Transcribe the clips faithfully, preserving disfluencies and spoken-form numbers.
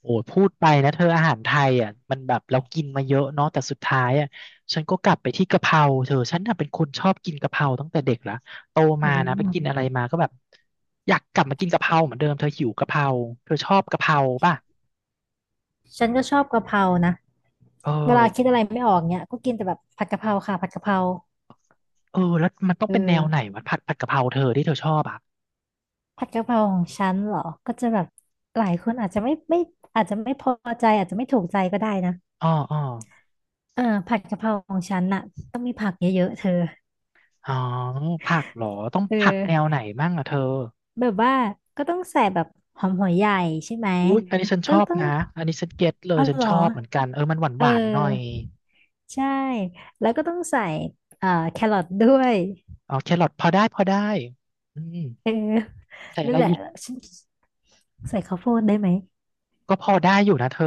โอ้ยพูดไปนะเธออาหารไทยอ่ะมันแบบเรากินมาเยอะเนาะแต่สุดท้ายอ่ะฉันก็กลับไปที่กะเพราเธอฉันน่ะเป็นคนชอบกินกะเพราตั้งแต่เด็กละโตอืมานะไปกินอะมไรมาก็แบบอยากกลับมากินกะเพราเหมือนเดิมเธอหิวกะเพราเธอชอบกะเพราป่ะฉันก็ชอบกะเพรานะเออเวลาคิดอะไรไม่ออกเนี่ยก็กินแต่แบบผัดกะเพราค่ะผัดกะเพราเออแล้วมันต้องเอเป็นแนอวไหนวะผัดผัดกะเพราเธอที่เธอชอบอ่ะผัดกะเพราของฉันเหรอก็จะแบบหลายคนอาจจะไม่ไม่อาจจะไม่พอใจอาจจะไม่ถูกใจก็ได้นะอ๋ออ๋อเออผัดกะเพราของฉันน่ะต้องมีผักเยอะๆเธออ๋อผักเหรอต้องเอผักแนวไหอนมั่งอ่ะเธอแบบว่าก็ต้องใส่แบบหอมหัวใหญ่ใช่ไหมอุ๊ยอันนี้ฉันชก็อบต้องนะอันนี้ฉันเก็ตเลอ๋ยอฉันเหรชออบเหมือนกันเออมันหวานหเอวานหน่อย อใช่แล้วก็ต้องใส่เอ่อแครอทด้วยอ๋อแครอทพอได้พอได้อืมเออ ใส่อะนั่ไรนแหละอีกฉันใส่ข้าวโพดได้ไหมก็พอได้อยู่นะเธอ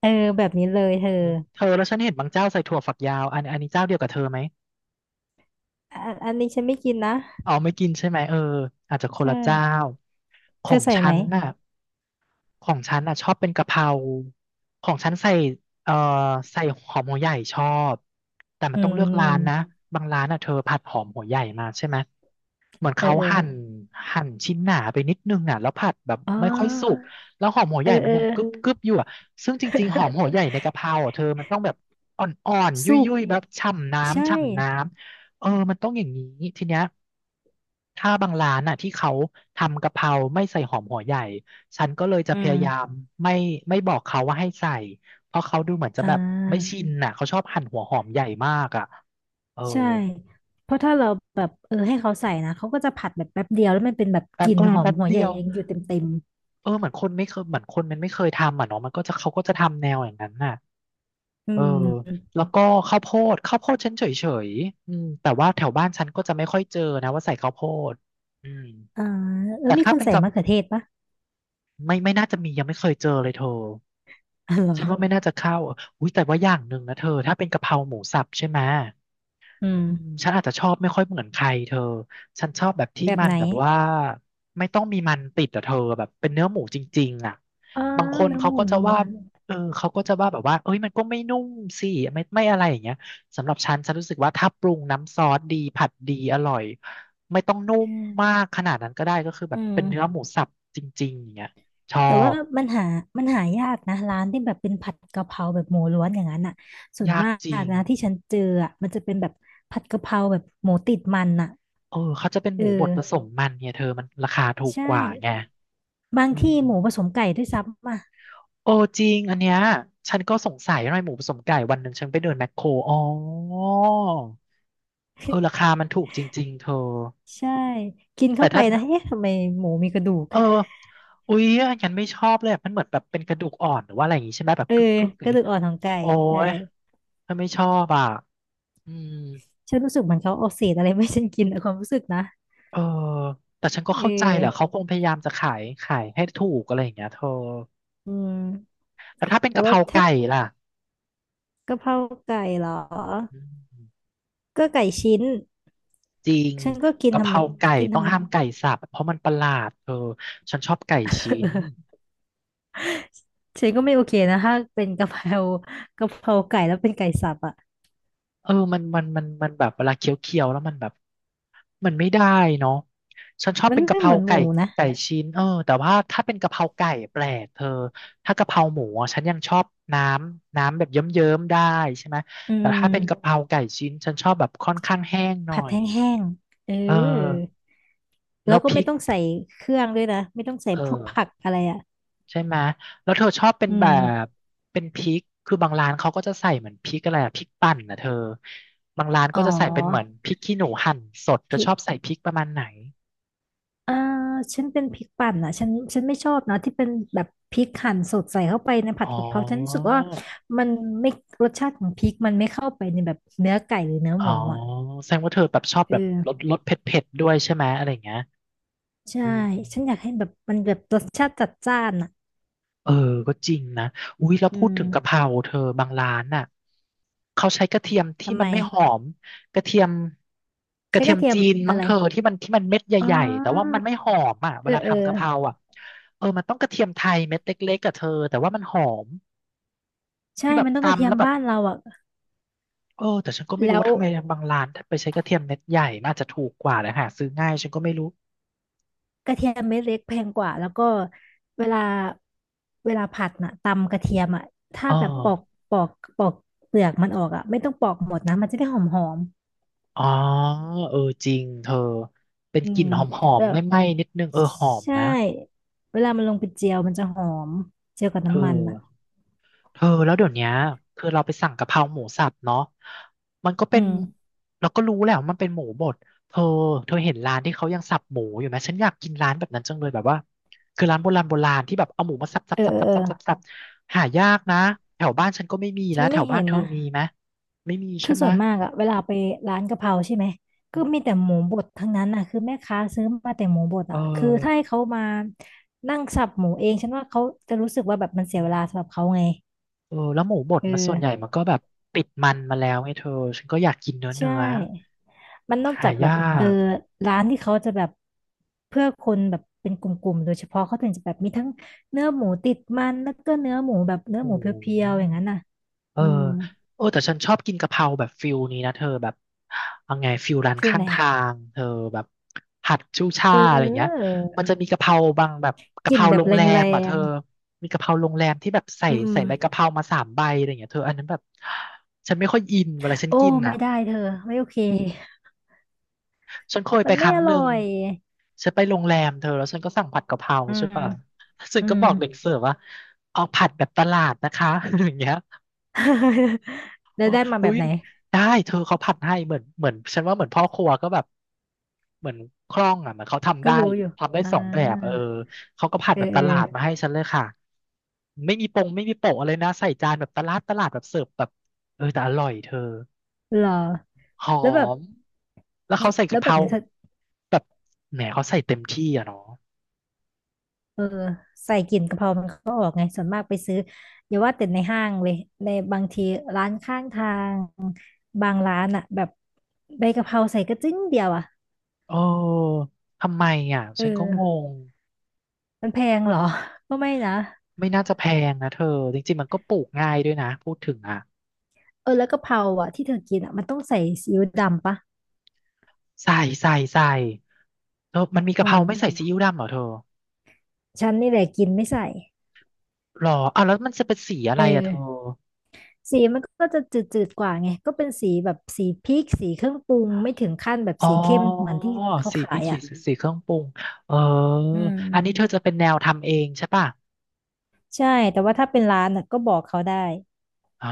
เออแบบนี้เลยเธอเนอะเธอแล้วฉันเห็นบางเจ้าใส่ถั่วฝักยาวอันอันนี้เจ้าเดียวกับเธอไหมอะอันนี้ฉันไม่กินนะอ๋อไม่กินใช่ไหมเอออาจจะคนใช่ละเจ้าขเธอองใส่ไหฉัมนน่ะ ของฉันอ่ะชอบเป็นกะเพราของฉันใส่เอ่อใส่หอมหัวใหญ่ชอบแต่มัอืนต้องเลือกร้านนะมบางร้านอ่ะเธอผัดหอมหัวใหญ่มาใช่ไหมเหมือนเออเขาเออหั่นหั่นชิ้นหนาไปนิดนึงอ่ะแล้วผัดแบบอ๋ไม่ค่อยสุกอแล้วหอมหัวเอใหอญ่มัเอนอ ยังกึบกึบอยู่อ่ะซึ่งจริงๆหอมหัว ใหญ่ในกะเพราอ่ะเธอมันต้องแบบอ่อนๆยสุกุ่ยๆแบบฉ่ำใช่น้ำฉ่ำน้ำเออมันต้องอย่างนี้ทีเนี้ยถ้าบางร้านอ่ะที่เขาทำกะเพราไม่ใส่หอมหัวใหญ่ ฉันก็เลยจะอืพมยายามไม่ไม่บอกเขาว่าให้ใส่ เพราะเขาดูเหมือนจะอ่แบบไม่าชินน่ะเขาชอบหั่นหัวหอมใหญ่มากอ่ะเออใช่เพราะถ้าเราแบบเออให้เขาใส่นะเขาก็จะผัดแบบแป๊บเดียวแล้วมันเป็นแบบแป๊กบลิ่นเออหอมแป๊บหัวเดีใหญ่ยวยังอยู่เต็มเต็มเออเหมือนคนไม่เคยเหมือนคนมันไม่เคยทำอ่ะเนาะมันก็จะเขาก็จะทำแนวอย่างนั้นน่ะอืเออมแล้วก็ข้าวโพดข้าวโพดฉันเฉยๆอืมแต่ว่าแถวบ้านฉันก็จะไม่ค่อยเจอนะว่าใส่ข้าวโพดอืมอ่าเออแต่มีถ้าคนเป็นใส่กับมะเขือเทศปะไม่ไม่น่าจะมียังไม่เคยเจอเลยเธออ๋อเหรอฉันว่าไม่น่าจะเข้าอุ้ยแต่ว่าอย่างหนึ่งนะเธอถ้าเป็นกะเพราหมูสับใช่ไหม อืมอืมฉันอาจจะชอบไม่ค่อยเหมือนใครเธอ ฉันชอบแบบที่แบบมันไหนแบบว่าไม่ต้องมีมันติดอะเธอแบบเป็นเนื้อหมูจริงๆอ่ะอ๋อบางคนเนื้อเขาหมูก็จะล้วว่านเออเขาก็จะว่าแบบว่าเอ้ยมันก็ไม่นุ่มสิไม่ไม่อะไรอย่างเงี้ยสำหรับฉันฉันรู้สึกว่าถ้าปรุงน้ำซอสดีผัดดีอร่อยไม่ต้องนุ่มมากขนาดนั้นก็ได้ก็คือแบอืบเป็นเนื้อม หมูสับจริงๆอย่างเงี้ยชอแต่ว่าบมันหามันหายากนะร้านที่แบบเป็นผัดกะเพราแบบหมูล้วนอย่างนั้นอ่ะส่วนยากมากจริงนะที่ฉันเจออ่ะมันจะเป็นแบบผัดกะเพราแบบหมูติดมันอ่ะเออเขาจะเป็นหเออมูบดผสมมันเนี่ยเธอมันราคาถูกใช่กว่าไงบางอืที่หมูผม สมไก่ด้วยซ้ำอ่ะโอ้จริงอันเนี้ยฉันก็สงสัยทำไมหมูผสมไก่วันหนึ่งฉันไปเดินแมคโครอ๋อเออราคามันถูกจริงๆเธอใช่กินแต่เข้าไปถ้านะเอ๊ะทำไมหมูมีกระดูกเอออุ๊ยอันนั้นไม่ชอบเลยอะมันเหมือนแบบเป็นกระดูกอ่อนหรือว่าอะไรอย่างงี้ใช่ไหมแบบเออกึกกึกอกย่างระเงี้ดูยกอ่อนของไก่โอ้ใช่ยฉันไม่ชอบอ่ะอืมฉันรู้สึกเหมือนเขาเอาเศษอะไรไม่ฉันกินอะความรู้สึกนะเออแต่ฉันก็เเข้าใจแหละเขาออคงพยายามจะขายขายให้ถูกอะไรอย่างเงี้ยเธออืมแล้วถ้าเป็นแต่กะเพว่าราถ้าไก่ล่ะกะเพราไก่เหรออืม ก็ไก่ชิ้นจริงฉันก็กินกะธรเพรมราไก่กินธต้รองรมดห้ามไก่สับเพราะมันประหลาดเธอฉันชอบไก่ชิ้นา ฉันก็ไม่โอเคนะถ้าเป็นกะเพรา กะเพราไก่แล้วเป็นไก่สับอ่ะเออมันมันมันมันแบบเวลาเคี้ยวๆแล้วมันแบบมันไม่ได้เนาะฉันชอบมันเป็นกะไม่เพเหรามือนหไก่มูนะไก่ชิ้นเออแต่ว่าถ้าเป็นกะเพราไก่แปลกเธอถ้ากะเพราหมูอะฉันยังชอบน้ำน้ำแบบเยิ้มๆได้ใช่ไหมอืแต่ถ้าเป็นกะเพมราไก่ชิ้นฉันชอบแบบค่อนข้างแห้งหน่อผัดแยห้งๆเอเอออแล้แล้ววก็พไม่ริกต้องใส่เครื่องด้วยนะไม่ต้องใส่เอพวกผักอ อะไรอ่ะใช่ไหม แล้วเธอชอบเป็นอืแบมบเป็นพริก คือบางร้านเขาก็จะใส่เหมือนพริกอะไรอะพริกปั่นนะเธอ บางร้านอ๋ก็อจะใส่อมเป็นเหมือนพริกขี้หนูหั่นสดเธพอริชกอบใส่พริกประมาณไหนอ่าฉันเป็นพริกปั่นอ่ะฉันฉันไม่ชอบนะที่เป็นแบบพริกหั่นสดใส่เข้าไปในผัอ๋ดอกะเพราฉันรู้สึกว่ามันไม่รสชาติของพริกมันไม่เข้าไปในแบบเนื้อไก่หรือเนื้ออ๋หอมูอ่ะแสดงว่าเธอแบบชอบเอแบบรสอรสเผ็ดๆด้วยใช่ไหมอะไรอย่างเงี้ยใช่อืม ฉันอยากให้แบบมันแบบรสชาติจัดจ้านอะ เออก็จริงนะอุ้ยแล้วอืพูดถึมงกะเพราเธอบางร้านน่ะเขาใช้กระเทียมที่ทำมัไมนไม่หอมกระเทียมกใช้ระเทีกยระมเทียจีมนมั้อะงไรเธอที่มันที่มันเม็ดอ๋ใหอญ่ๆแต่ว่ามันไม่หอมอ่ะเวเออลาเออทำกะเพราอ่ะเออมันต้องกระเทียมไทยเม็ดเล็กๆกับเธอแต่ว่ามันหอมใช่ที่แบบมันต้องกระเทีตำยมแล้วแบบบ้านเราอ่ะเออแต่ฉันก็ไม่รู้แล้วว่าทำไมบางร้านไปใช้กระเทียมเม็ดใหญ่มันอาจจะถูกกว่านะหาซื้อง่ายฉันก็ไม่รู้กระเทียมเม็ดเล็กแพงกว่าแล้วก็เวลาเวลาผัดน่ะตำกระเทียมอ่ะถ้าเออแบบปอกปอกปอกเปลือกมันออกอ่ะไม่ต้องปอกหมดนะมันจะได้หอมหอมอ๋อเออจริงเธอเป็นอืกลิ่มนหอมแล้ๆวไม่ไหม้นิดนึงเออหอมใช่นะ เวลามันลงไปเจียวมันจะหอมเจียวกับเออน้ำมันอ่ะเธอแล้วเดี๋ยวเนี้ยคือเราไปสั่งกะเพราหมูสับเนาะมันก็อืเป็นมเราก็รู้แหละว่ามันเป็นหมูบดเธอเธอเห็นร้านที่เขายังสับหมูอยู่ไหมฉันอยากกินร้านแบบนั้นจังเลยแบบว่าคือร้านโบราณโบราณที่แบบเอาหมูมาสับสัเอบอสับเออสับเออสับสับสับหายากนะแถวบ้านฉันก็ไม่มีฉัแล้วนแถไม่วบ้าเห็นนเธอนะ มีไหมไม่มีคืใช่อไหมส่วนมากอะเวลาไปร้านกะเพราใช่ไหมก็มีแต่หมูบดทั้งนั้นอะคือแม่ค้าซื้อมาแต่หมูบดเออะคือถ้าอให้เขามานั่งสับหมูเองฉันว่าเขาจะรู้สึกว่าแบบมันเสียเวลาสำหรับเขาไงเออแล้วหมูบดเอมันอส่วนใหญ่มันก็แบบติดมันมาแล้วไงเธอฉันก็อยากกินเนื้อใช่เนื้อมันนอกหาจากแบยาบเออกร้านที่เขาจะแบบเพื่อคนแบบเป็นกลุ่มๆโดยเฉพาะเขาถึงจะแบบมีทั้งเนื้อหมูติดมันแล้วก็เนื้อหมูแบบโอ้เนื้อหมูเโห พียวๆอย่างนั้นน่ะเอออืมโอ้แต่ฉันชอบกินกะเพราแบบฟิลนี้นะเธอแบบเอาไงฟิลร้านฟิลข้างไหนทางเธอแบบผัดชูช่าเอยอะไรอย่างเงี้ยอมันจะมีกะเพราบางแบบกะกเพลิ่นราแบโรบงแแรรมอ่ะเธงอมีกะเพราโรงแรมที่แบบใส่ๆอืมอืใส่ม ใบกะเพรามาสามใบอะไรอย่างเงี้ยเธออันนั้นแบบฉันไม่ค่อยอินเวลาฉันโอ้กินไม่อ่ะได้เธอไม่โอเคฉันเคยไปมันคไม่รั้งอหร่นึ่องยฉันไปโรงแรมเธอแล้วฉันก็สั่งผัดกะเพราอืใช่มป่ะฉันอืก็ม บอกเด็กเสิร์ฟว่าเอาผัดแบบตลาดนะคะ อย่างเงี้ย แล้วได้มาแบอุ้บยไหนได้เธอเขาผัดให้เหมือนเหมือนฉันว่าเหมือนพ่อครัวก็แบบเหมือนคล่องอ่ะเหมือนเขาทำก็ได้รู้อยู่ทำได้อ่สองแบบเออาเขาก็ผัดเออแบบตเออลาดมาให้ฉันเลยค่ะไม่มีปงไม่มีโปะอะไรนะใส่จานแบบตลาดตลาดแบบเสิร์ฟแบบเออแต่อร่อยเธอเหรอหอแล้วแบบมแล้วเขาใส่แล้กะวเพแบบรานี้เธอแบบแหมเขาใส่เต็มที่อ่ะเนาะเออใส่กลิ่นกะเพรามันก็ออกไงส่วนมากไปซื้ออย่าว่าแต่ในห้างเลยในบางทีร้านข้างทางบางร้านอะแบบใบกะเพราใส่กระจิ้งเดียวอะเออทำไมอ่ะเฉันก็งอองมันแพงเหรอก็ไม่นะไม่น่าจะแพงนะเธอจริงๆมันก็ปลูกง่ายด้วยนะพูดถึงอ่ะ เออแล้วกะเพราอะที่เธอกินอะมันต้องใส่ซีอิ๊วดำปะใส่ใส่ใส่เธอมันมีกะอืเพราไม่ใส่ม ซีอิ๊วดำเหรอเธอฉันนี่แหละกินไม่ใส่ หรออ้าวแล้วมันจะเป็นสีอะเอไรอ อะเธอสีมันก็จะจืดๆกว่าไงก็เป็นสีแบบสีพริกสีเครื่องปรุงไม่ถึงขั้นแบบอ๋อสีเข้มเหมือนที่เขาสีพขาริกยขี้อ่ะหนูสีเครื่องปรุงเอออือันนี้เธอมจะเป็นแนวทำเองใช่ป่ะใช่แต่ว่าถ้าเป็นร้านน่ะก็บอกเขาได้ อ๋อ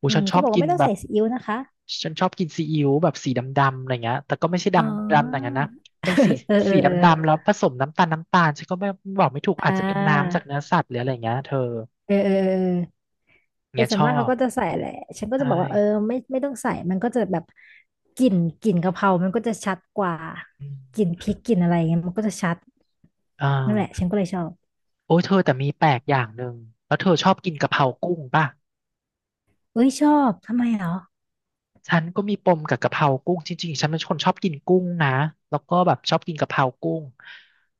อูอืฉัมนชก็อบบอกกิว่านไม่ต้องแบใส่บซีอิ๊วนะคะ ฉันชอบกินซีอิ๊วแบบสีดำๆอะไรเงี้ยแต่ก็ไม่ใช่อ๋ดำดำอย่างอนั้นนะเป็นสีเออเอสีอดเออำๆแล้วผสมน้ำตาลน้ำตาลฉันก็ไม่บอกไม่ถูกอ่อาจจะเป็นน้ำจากา เนื้อสัตว์หรืออะไรเงี้ยเธอเออเออเออแต่เงี้ยส่ชวนอมากเขาบก็จะใส่แหละฉันก็จะใช่บอกว่าเออไม่ไม่ต้องใส่มันก็จะแบบกลิ่นกลิ่นกะเพรามันก็จะชัดกว่าอืกลิ่นพมริกกลิ่นอะไรเงี้ยมันก็จะชัดอ่นั่นแหละา ฉันก็เลยชอบโอ้ยเธอแต่มีแปลกอย่างหนึ่งแล้วเธอชอบกินกะเพรากุ้งป่ะเอ้ยชอบทำไมเหรอฉันก็มีปมกับกะเพรากุ้งจริงๆฉันเป็นคนชอบกินกุ้งนะแล้วก็แบบชอบกินกะเพรากุ้ง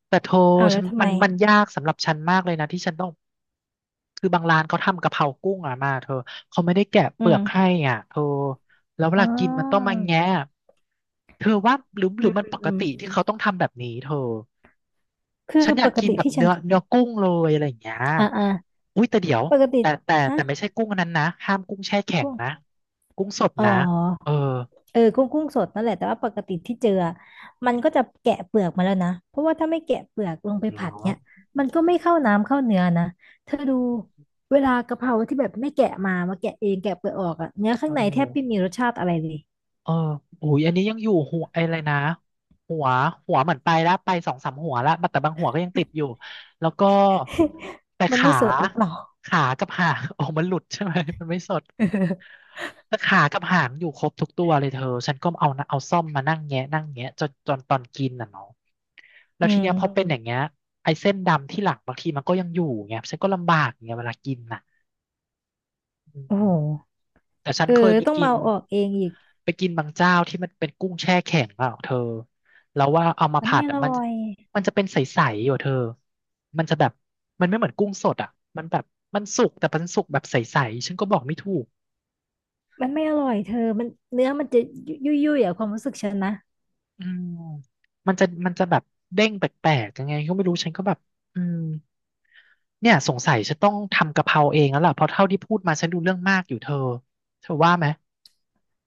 แต่เธออ้าวฉัแล้วนทำมัไมนมันยากสำหรับฉันมากเลยนะที่ฉันต้องคือบางร้านเขาทำกะเพรากุ้งอ่ะมาเธอเขาไม่ได้แกะเปอืลือมกให้อ่ะเธอแล้วเวอ๋ลาอกินมันต้องมาแงะเธอว่าหรือหอืรือมมันอืมปกอืมติที่เขาต้องทำแบบนี้เธอ คือฉันอปยากกกินติแบบที่ฉัเนื้นอเนื้อกุ้งเลยอะไรอย่างเงี้ยอ่าอ่าอุ้ยแต่เดี๋ยวปกติแต่แต่ฮะแต่ไม่ใช่กุ้งอันนั้นนะห้ามกุ้งแช่แข็งกุ้งนะกุ้งสดอ๋นะเอออ เออกุ้งกุ้งสดนั่นแหละแต่ว่าปกติที่เจออะมันก็จะแกะเปลือกมาแล้วนะเพราะว่าถ้าไม่แกะเปลือกลงไปเหรอผัดเนี่ยมันก็ไม่เข้าน้ำเข้าเนื้อนะเธอดูเวลากะเพราที่แบบไม่แกะมามาแกะเองแกะเปลือกออกอะเนื้อข้าเองในแทบไม่มีอ รสชาติอะไรเลย เอออุ้ยอันนี้ยังอยู่หัวไออะไรนะหัวหัวเหมือนไปแล้วไปสองสามหัวแล้วแต่บางหัวก็ยังติดอยู่แล้วก็แต่ มันไม่ขาสดหรือเปล่า ขากับหาง ออกมันหลุดใช่ไหมมันไม่สดแต่ขากับหางอยู่ครบทุกตัวเลยเธอฉันก็เอานะเอาซ่อมมานั่งแงะนั่งแงะจนจนตอนกินน่ะเนาะแล้ วอืทีมเนี้ยพอเป็นอย่างเงี้ยไอ้เส้นดำที่หลังบางทีมันก็ยังอยู่ไงฉันก็ลำบากไงเวลากินน่ะอืโอ้โหม แต่ฉัเอนอเคยไปต้องกิมานเอาออกเองอีกไปกินบางเจ้าที่มันเป็นกุ้งแช่แข็งเปล่าเธอแล้วว่าเอามามันผัไม่ดอ่ะอมันร่อยมันจะเป็นใสๆอยู่เธอมันจะแบบมันไม่เหมือนกุ้งสดอ่ะมันแบบมันสุกแต่มันสุกแบบใสๆฉันก็บอกไม่ถูกมันไม่อร่อยเธอมันเนื้อมันจะยุ่ยยุ่ยๆอะความรู้สึกฉันนะอืมมันจะมันจะแบบเด้งแปลกๆยังไงก็ไม่รู้ฉันก็แบบอืมเนี่ยสงสัยฉันต้องทำกะเพราเองแล้วล่ะเพราะเท่าที่พูดมาฉันดูเรื่องมากอยู่เธอเธอว่าไหม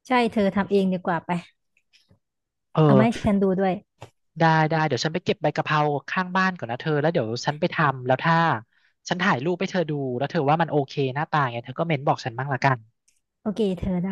ใช่เธอทำเองดีกว่าไปเออ เอามาให้ฉันดูด้วยได้ได้เดี๋ยวฉันไปเก็บใบกะเพราข้างบ้านก่อนนะเธอแล้วเดี๋ยวฉันไปทำแล้วถ้าฉันถ่ายรูปให้เธอดูแล้วเธอว่ามันโอเคหน้าตาไงเธอก็เม้นบอกฉันบ้างละกันโอเคเธอได้